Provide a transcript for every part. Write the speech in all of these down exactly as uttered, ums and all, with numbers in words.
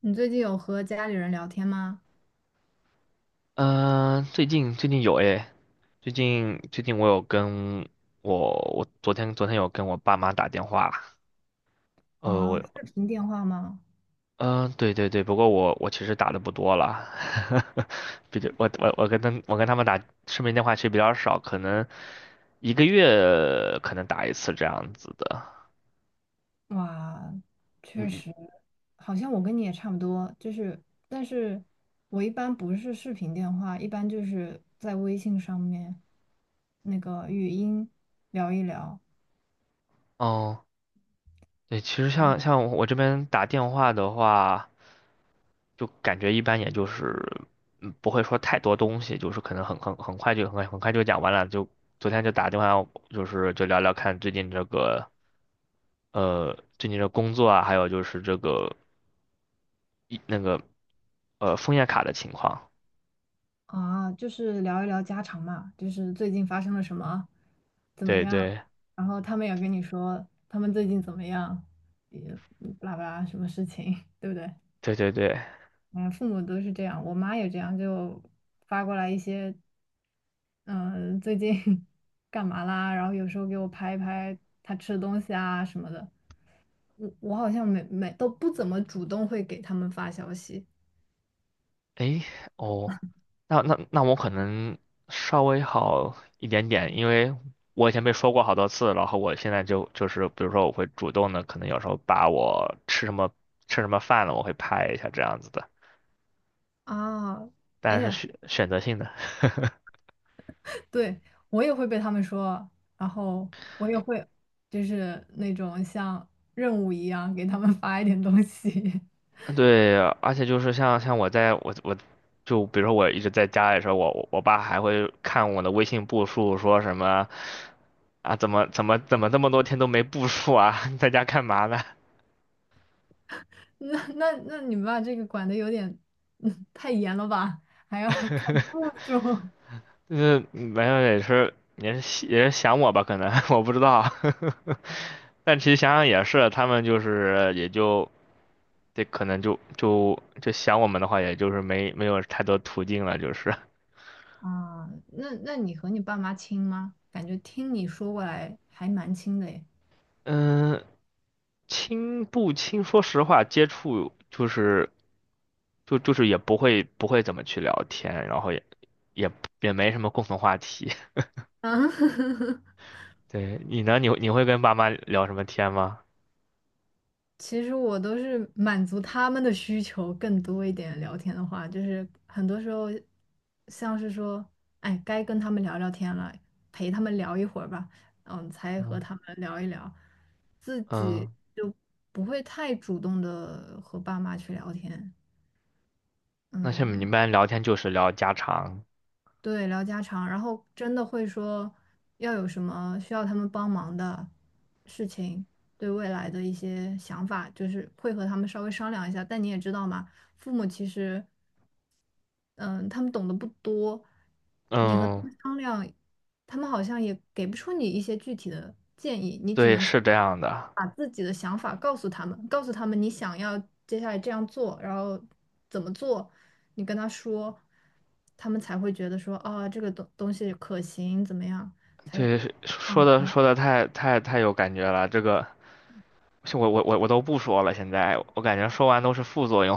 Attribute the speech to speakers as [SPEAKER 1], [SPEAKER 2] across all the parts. [SPEAKER 1] 你最近有和家里人聊天吗？
[SPEAKER 2] 嗯、最近最近有诶，最近最近我有跟我我昨天昨天有跟我爸妈打电话，呃
[SPEAKER 1] 啊，
[SPEAKER 2] 我
[SPEAKER 1] 视频电话吗？
[SPEAKER 2] 嗯、呃对对对，不过我我其实打的不多了，比较我我我跟他们我跟他们打视频电话其实比较少，可能一个月可能打一次这样子的，
[SPEAKER 1] 哇，
[SPEAKER 2] 嗯
[SPEAKER 1] 确
[SPEAKER 2] 嗯，
[SPEAKER 1] 实。好像我跟你也差不多，就是，但是我一般不是视频电话，一般就是在微信上面那个语音聊一聊。
[SPEAKER 2] 哦，对，其实像像我这边打电话的话，就感觉一般，也就是嗯不会说太多东西，就是可能很很很快就很很快就讲完了。就昨天就打电话，就是就聊聊看最近这个呃最近的工作啊，还有就是这个一那个呃枫叶卡的情况。
[SPEAKER 1] 啊，就是聊一聊家常嘛，就是最近发生了什么，怎么
[SPEAKER 2] 对
[SPEAKER 1] 样，
[SPEAKER 2] 对
[SPEAKER 1] 然后他们也跟你说他们最近怎么样，也嗯巴拉巴拉什么事情，对不对？
[SPEAKER 2] 对对对，
[SPEAKER 1] 嗯，父母都是这样，我妈也这样，就发过来一些，嗯、最近 干嘛啦？然后有时候给我拍一拍她吃的东西啊什么的。我我好像没没都不怎么主动会给他们发消息
[SPEAKER 2] 诶，哦，那那那我可能稍微好一点点，因为我以前被说过好多次，然后我现在就就是，比如说我会主动的，可能有时候把我吃什么吃什么饭了，我会拍一下这样子的，
[SPEAKER 1] 啊。哎
[SPEAKER 2] 但是
[SPEAKER 1] 呀，
[SPEAKER 2] 选选择性的。
[SPEAKER 1] 对，我也会被他们说，然后我也会就是那种像任务一样给他们发一点东西。
[SPEAKER 2] 对，而且就是像像我在我我就比如说我一直在家里的时候，我我爸还会看我的微信步数，说什么啊怎么怎么怎么这么多天都没步数啊，在家干嘛呢？
[SPEAKER 1] 那那那你们把这个管的有点 嗯，太严了吧？还要 注。
[SPEAKER 2] 就是没有也是也是也是想我吧，可能 我不知道，但其实想想也是，他们就是也就这可能就就就想我们的话，也就是没没有太多途径了，就是
[SPEAKER 1] 啊，那那你和你爸妈亲吗？感觉听你说过来还蛮亲的诶。
[SPEAKER 2] 嗯，亲不亲，说实话，接触就是就就是也不会不会怎么去聊天，然后也也也没什么共同话题。
[SPEAKER 1] 啊，
[SPEAKER 2] 对你呢，你你会跟爸妈聊什么天吗？
[SPEAKER 1] 其实我都是满足他们的需求更多一点。聊天的话，就是很多时候像是说，哎，该跟他们聊聊天了，陪他们聊一会儿吧，嗯，才和
[SPEAKER 2] 嗯，
[SPEAKER 1] 他们聊一聊，自己
[SPEAKER 2] 嗯，
[SPEAKER 1] 就不会太主动的和爸妈去聊天。
[SPEAKER 2] 那像你们一
[SPEAKER 1] 嗯，
[SPEAKER 2] 般聊天就是聊家常。
[SPEAKER 1] 对，聊家常，然后真的会说要有什么需要他们帮忙的事情，对未来的一些想法，就是会和他们稍微商量一下。但你也知道嘛，父母其实嗯，他们懂得不多，你和他
[SPEAKER 2] 嗯，
[SPEAKER 1] 们商量，他们好像也给不出你一些具体的建议，你只
[SPEAKER 2] 对，
[SPEAKER 1] 能说
[SPEAKER 2] 是这样的。
[SPEAKER 1] 把自己的想法告诉他们，告诉他们你想要接下来这样做，然后怎么做，你跟他说，他们才会觉得说啊，这个东东西可行，怎么样才
[SPEAKER 2] 对，说
[SPEAKER 1] 放
[SPEAKER 2] 的
[SPEAKER 1] 弃。
[SPEAKER 2] 说的太太太有感觉了，这个我我我我都不说了，现在我感觉说完都是副作用。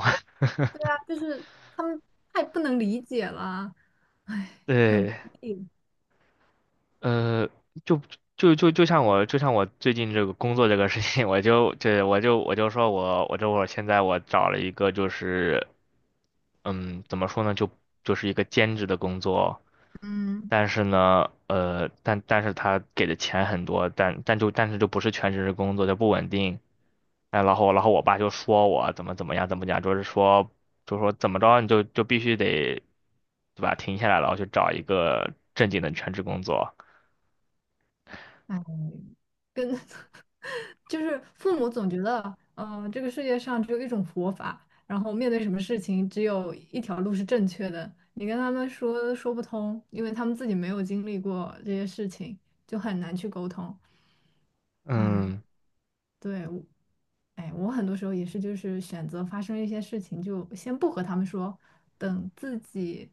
[SPEAKER 1] 对啊，就 是他们太不能理解了啊，唉，
[SPEAKER 2] 对，呃，就就就就像我就像我最近这个工作这个事情，我就这我就我就说我我这会儿现在我找了一个就是嗯怎么说呢，就就是一个兼职的工作，
[SPEAKER 1] 嗯，
[SPEAKER 2] 但是呢呃但但是他给的钱很多，但但就但是就不是全职的工作，就不稳定。哎，然后然后我爸就说我怎么怎么样怎么讲，就是说就说怎么着你就就必须得，对吧？停下来，然后去找一个正经的全职工作。
[SPEAKER 1] 嗯唉。就是父母总觉得，嗯，这个世界上只有一种活法，然后面对什么事情只有一条路是正确的。你跟他们说说不通，因为他们自己没有经历过这些事情，就很难去沟通。哎，
[SPEAKER 2] 嗯，
[SPEAKER 1] 对，我，哎，我很多时候也是，就是选择发生一些事情，就先不和他们说，等自己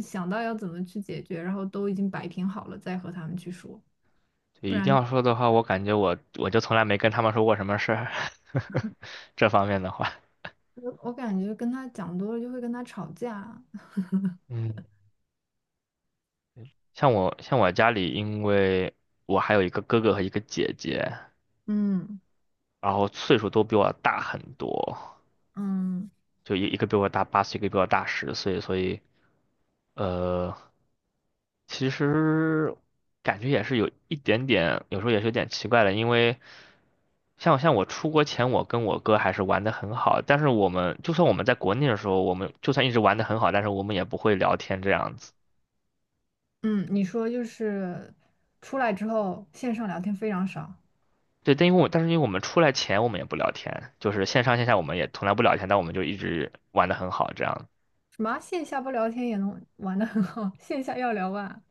[SPEAKER 1] 想到要怎么去解决，然后都已经摆平好了，再和他们去说，
[SPEAKER 2] 对，
[SPEAKER 1] 不
[SPEAKER 2] 一定
[SPEAKER 1] 然
[SPEAKER 2] 要说的话，我感觉我我就从来没跟他们说过什么事儿，这方面的话。
[SPEAKER 1] 我我感觉跟他讲多了就会跟他吵架。
[SPEAKER 2] 嗯，像我像我家里，因为我还有一个哥哥和一个姐姐，
[SPEAKER 1] 嗯
[SPEAKER 2] 然后岁数都比我大很多，
[SPEAKER 1] 嗯
[SPEAKER 2] 就一一个比我大八岁，一个比我大十岁，所以呃，其实感觉也是有一点点，有时候也是有点奇怪的，因为像像我出国前，我跟我哥还是玩的很好，但是我们就算我们在国内的时候，我们就算一直玩的很好，但是我们也不会聊天这样子。
[SPEAKER 1] 嗯，你说就是出来之后线上聊天非常少，
[SPEAKER 2] 对，但因为我但是因为我们出来前我们也不聊天，就是线上线下我们也从来不聊天，但我们就一直玩的很好这样，
[SPEAKER 1] 什么线下不聊天也能玩得很好，线下要聊啊。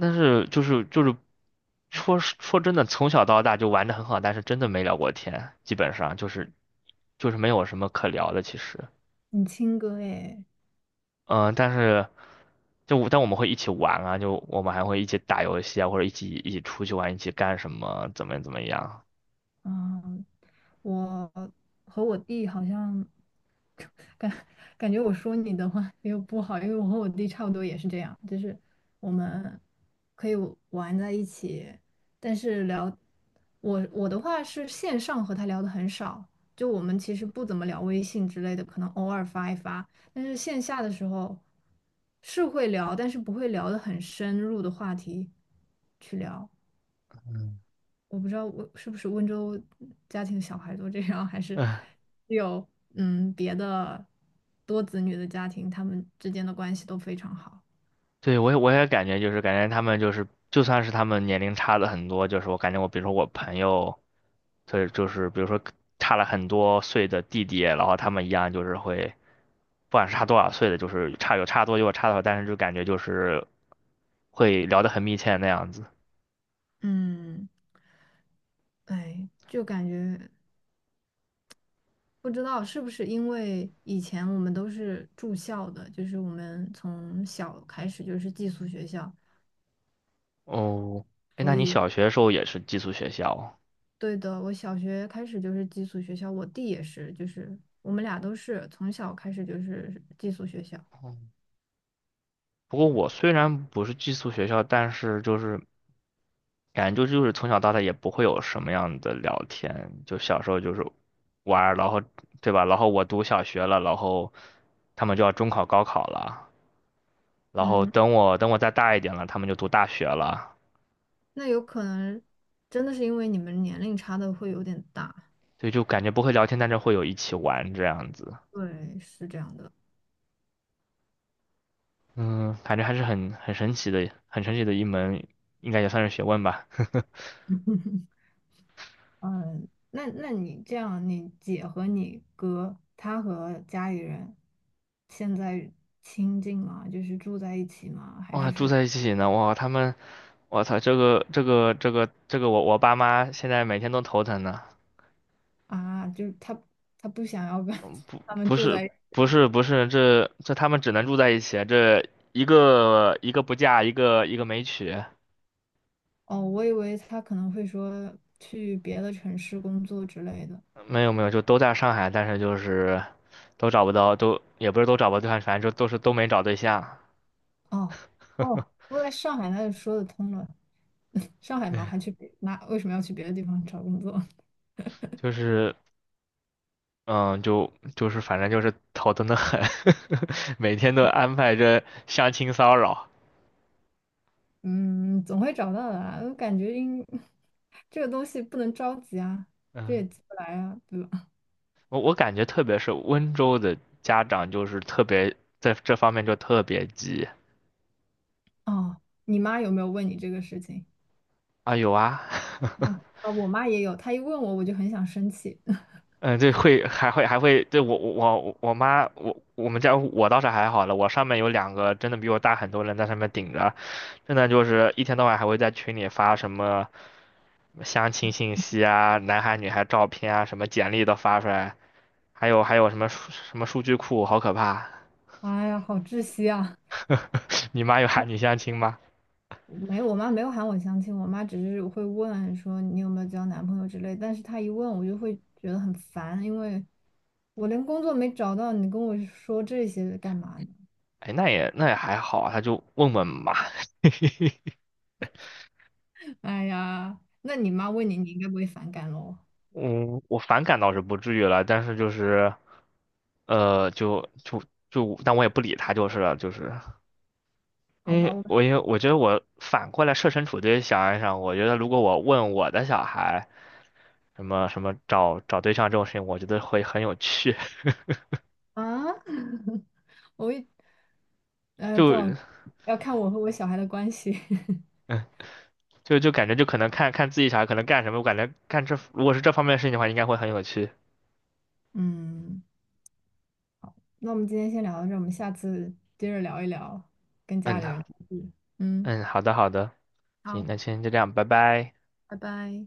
[SPEAKER 2] 但是就是就是说，说真的，从小到大就玩的很好，但是真的没聊过天，基本上就是就是没有什么可聊的，其实，
[SPEAKER 1] 你亲哥诶，
[SPEAKER 2] 嗯，但是就我但我们会一起玩啊，就我们还会一起打游戏啊，或者一起一起出去玩，一起干什么，怎么怎么样，
[SPEAKER 1] 嗯，我和我弟好像。感感觉我说你的话又不好，因为我和我弟差不多也是这样，就是我们可以玩在一起，但是聊我我的话是线上和他聊的很少，就我们其实不怎么聊微信之类的，可能偶尔发一发，但是线下的时候是会聊，但是不会聊的很深入的话题去聊。我不知道温是不是温州家庭小孩都这样，还是
[SPEAKER 2] 唉，
[SPEAKER 1] 只有嗯别的多子女的家庭，他们之间的关系都非常好。
[SPEAKER 2] 对，我也我也感觉就是感觉他们就是就算是他们年龄差的很多，就是我感觉我比如说我朋友，对，就是比如说差了很多岁的弟弟，然后他们一样就是会，不管是差多少岁的，就是差有差多有差少，但是就感觉就是会聊得很密切那样子。
[SPEAKER 1] 嗯，哎，就感觉不知道是不是因为以前我们都是住校的，就是我们从小开始就是寄宿学校。
[SPEAKER 2] 哦，哎，那你小学的时候也是寄宿学校？
[SPEAKER 1] 对的，我小学开始就是寄宿学校，我弟也是，就是我们俩都是从小开始就是寄宿学校。
[SPEAKER 2] 哦，不过我虽然不是寄宿学校，但是就是感觉就就是从小到大也不会有什么样的聊天，就小时候就是玩儿，然后对吧？然后我读小学了，然后他们就要中考、高考了，然后
[SPEAKER 1] 嗯，
[SPEAKER 2] 等我等我再大一点了，他们就读大学了，
[SPEAKER 1] 那有可能真的是因为你们年龄差的会有点大，
[SPEAKER 2] 所以就感觉不会聊天，但是会有一起玩这样子。
[SPEAKER 1] 对，是这样的。
[SPEAKER 2] 嗯，感觉还是很很神奇的，很神奇的一门，应该也算是学问吧。
[SPEAKER 1] 那那你这样，你姐和你哥，他和家里人现在亲近吗？就是住在一起吗？还
[SPEAKER 2] 哇，
[SPEAKER 1] 是
[SPEAKER 2] 住
[SPEAKER 1] 说
[SPEAKER 2] 在一起呢，哇，他们，我操，这个这个这个这个我我爸妈现在每天都头疼呢。
[SPEAKER 1] 啊，就是他他不想要跟
[SPEAKER 2] 不
[SPEAKER 1] 他们
[SPEAKER 2] 不
[SPEAKER 1] 住
[SPEAKER 2] 是
[SPEAKER 1] 在一起？
[SPEAKER 2] 不是不是，这这他们只能住在一起啊，这一个一个不嫁，一个一个没娶，
[SPEAKER 1] 哦，我以为他可能会说去别的城市工作之类的。
[SPEAKER 2] 没有没有，就都在上海，但是就是都找不到，都也不是都找不到对象，反正就都是都没找对象，
[SPEAKER 1] 哦哦，我在上海那就说得通了。上 海
[SPEAKER 2] 对，
[SPEAKER 1] 嘛，还去别那为什么要去别的地方找工作？
[SPEAKER 2] 就是嗯，就就是反正就是头疼的很，每天都安排着相亲骚扰，
[SPEAKER 1] 嗯，总会找到的啦。我感觉应 这个东西不能着急啊，这
[SPEAKER 2] 嗯，
[SPEAKER 1] 也急不来啊，对吧？
[SPEAKER 2] 我我感觉特别是温州的家长就是特别在这方面就特别急，
[SPEAKER 1] 哦，你妈有没有问你这个事情？
[SPEAKER 2] 啊，有啊。
[SPEAKER 1] 啊、哦，啊我妈也有，她一问我，我就很想生气。
[SPEAKER 2] 嗯，对，会还会还会，对，我我我我妈我我们家我倒是还好了，我上面有两个真的比我大很多人在上面顶着，真的就是一天到晚还会在群里发什么相亲信息啊、男孩女孩照片啊、什么简历都发出来，还有还有什么数什么数据库，好可怕！
[SPEAKER 1] 哎呀，好窒息啊！
[SPEAKER 2] 你妈有喊你 相亲吗？
[SPEAKER 1] 没有，我妈没有喊我相亲，我妈只是会问说你有没有交男朋友之类，但是她一问我就会觉得很烦，因为我连工作没找到，你跟我说这些干嘛呢？
[SPEAKER 2] 哎，那也那也还好啊，她就问问嘛。
[SPEAKER 1] 哎呀，那你妈问你，你应该不会反感喽？
[SPEAKER 2] 嗯，我反感倒是不至于了，但是就是，呃，就就就，但我也不理他就是了，就是，
[SPEAKER 1] 好
[SPEAKER 2] 因
[SPEAKER 1] 吧，
[SPEAKER 2] 为
[SPEAKER 1] 我。
[SPEAKER 2] 我也我觉得我反过来设身处地想一想，我觉得如果我问我的小孩什么什么找找对象这种事情，我觉得会很有趣，
[SPEAKER 1] 啊，我一，呃，
[SPEAKER 2] 就
[SPEAKER 1] 不好，要看我和我小孩的关系。
[SPEAKER 2] 嗯，就就感觉就可能看看自己小孩可能干什么，我感觉干这如果是这方面的事情的话，应该会很有趣。
[SPEAKER 1] 嗯，那我们今天先聊到这儿，我们下次接着聊一聊跟家
[SPEAKER 2] 嗯
[SPEAKER 1] 里人的事。嗯，
[SPEAKER 2] 嗯，好的好的，行，
[SPEAKER 1] 好，
[SPEAKER 2] 那今天就这样，拜拜。
[SPEAKER 1] 拜拜。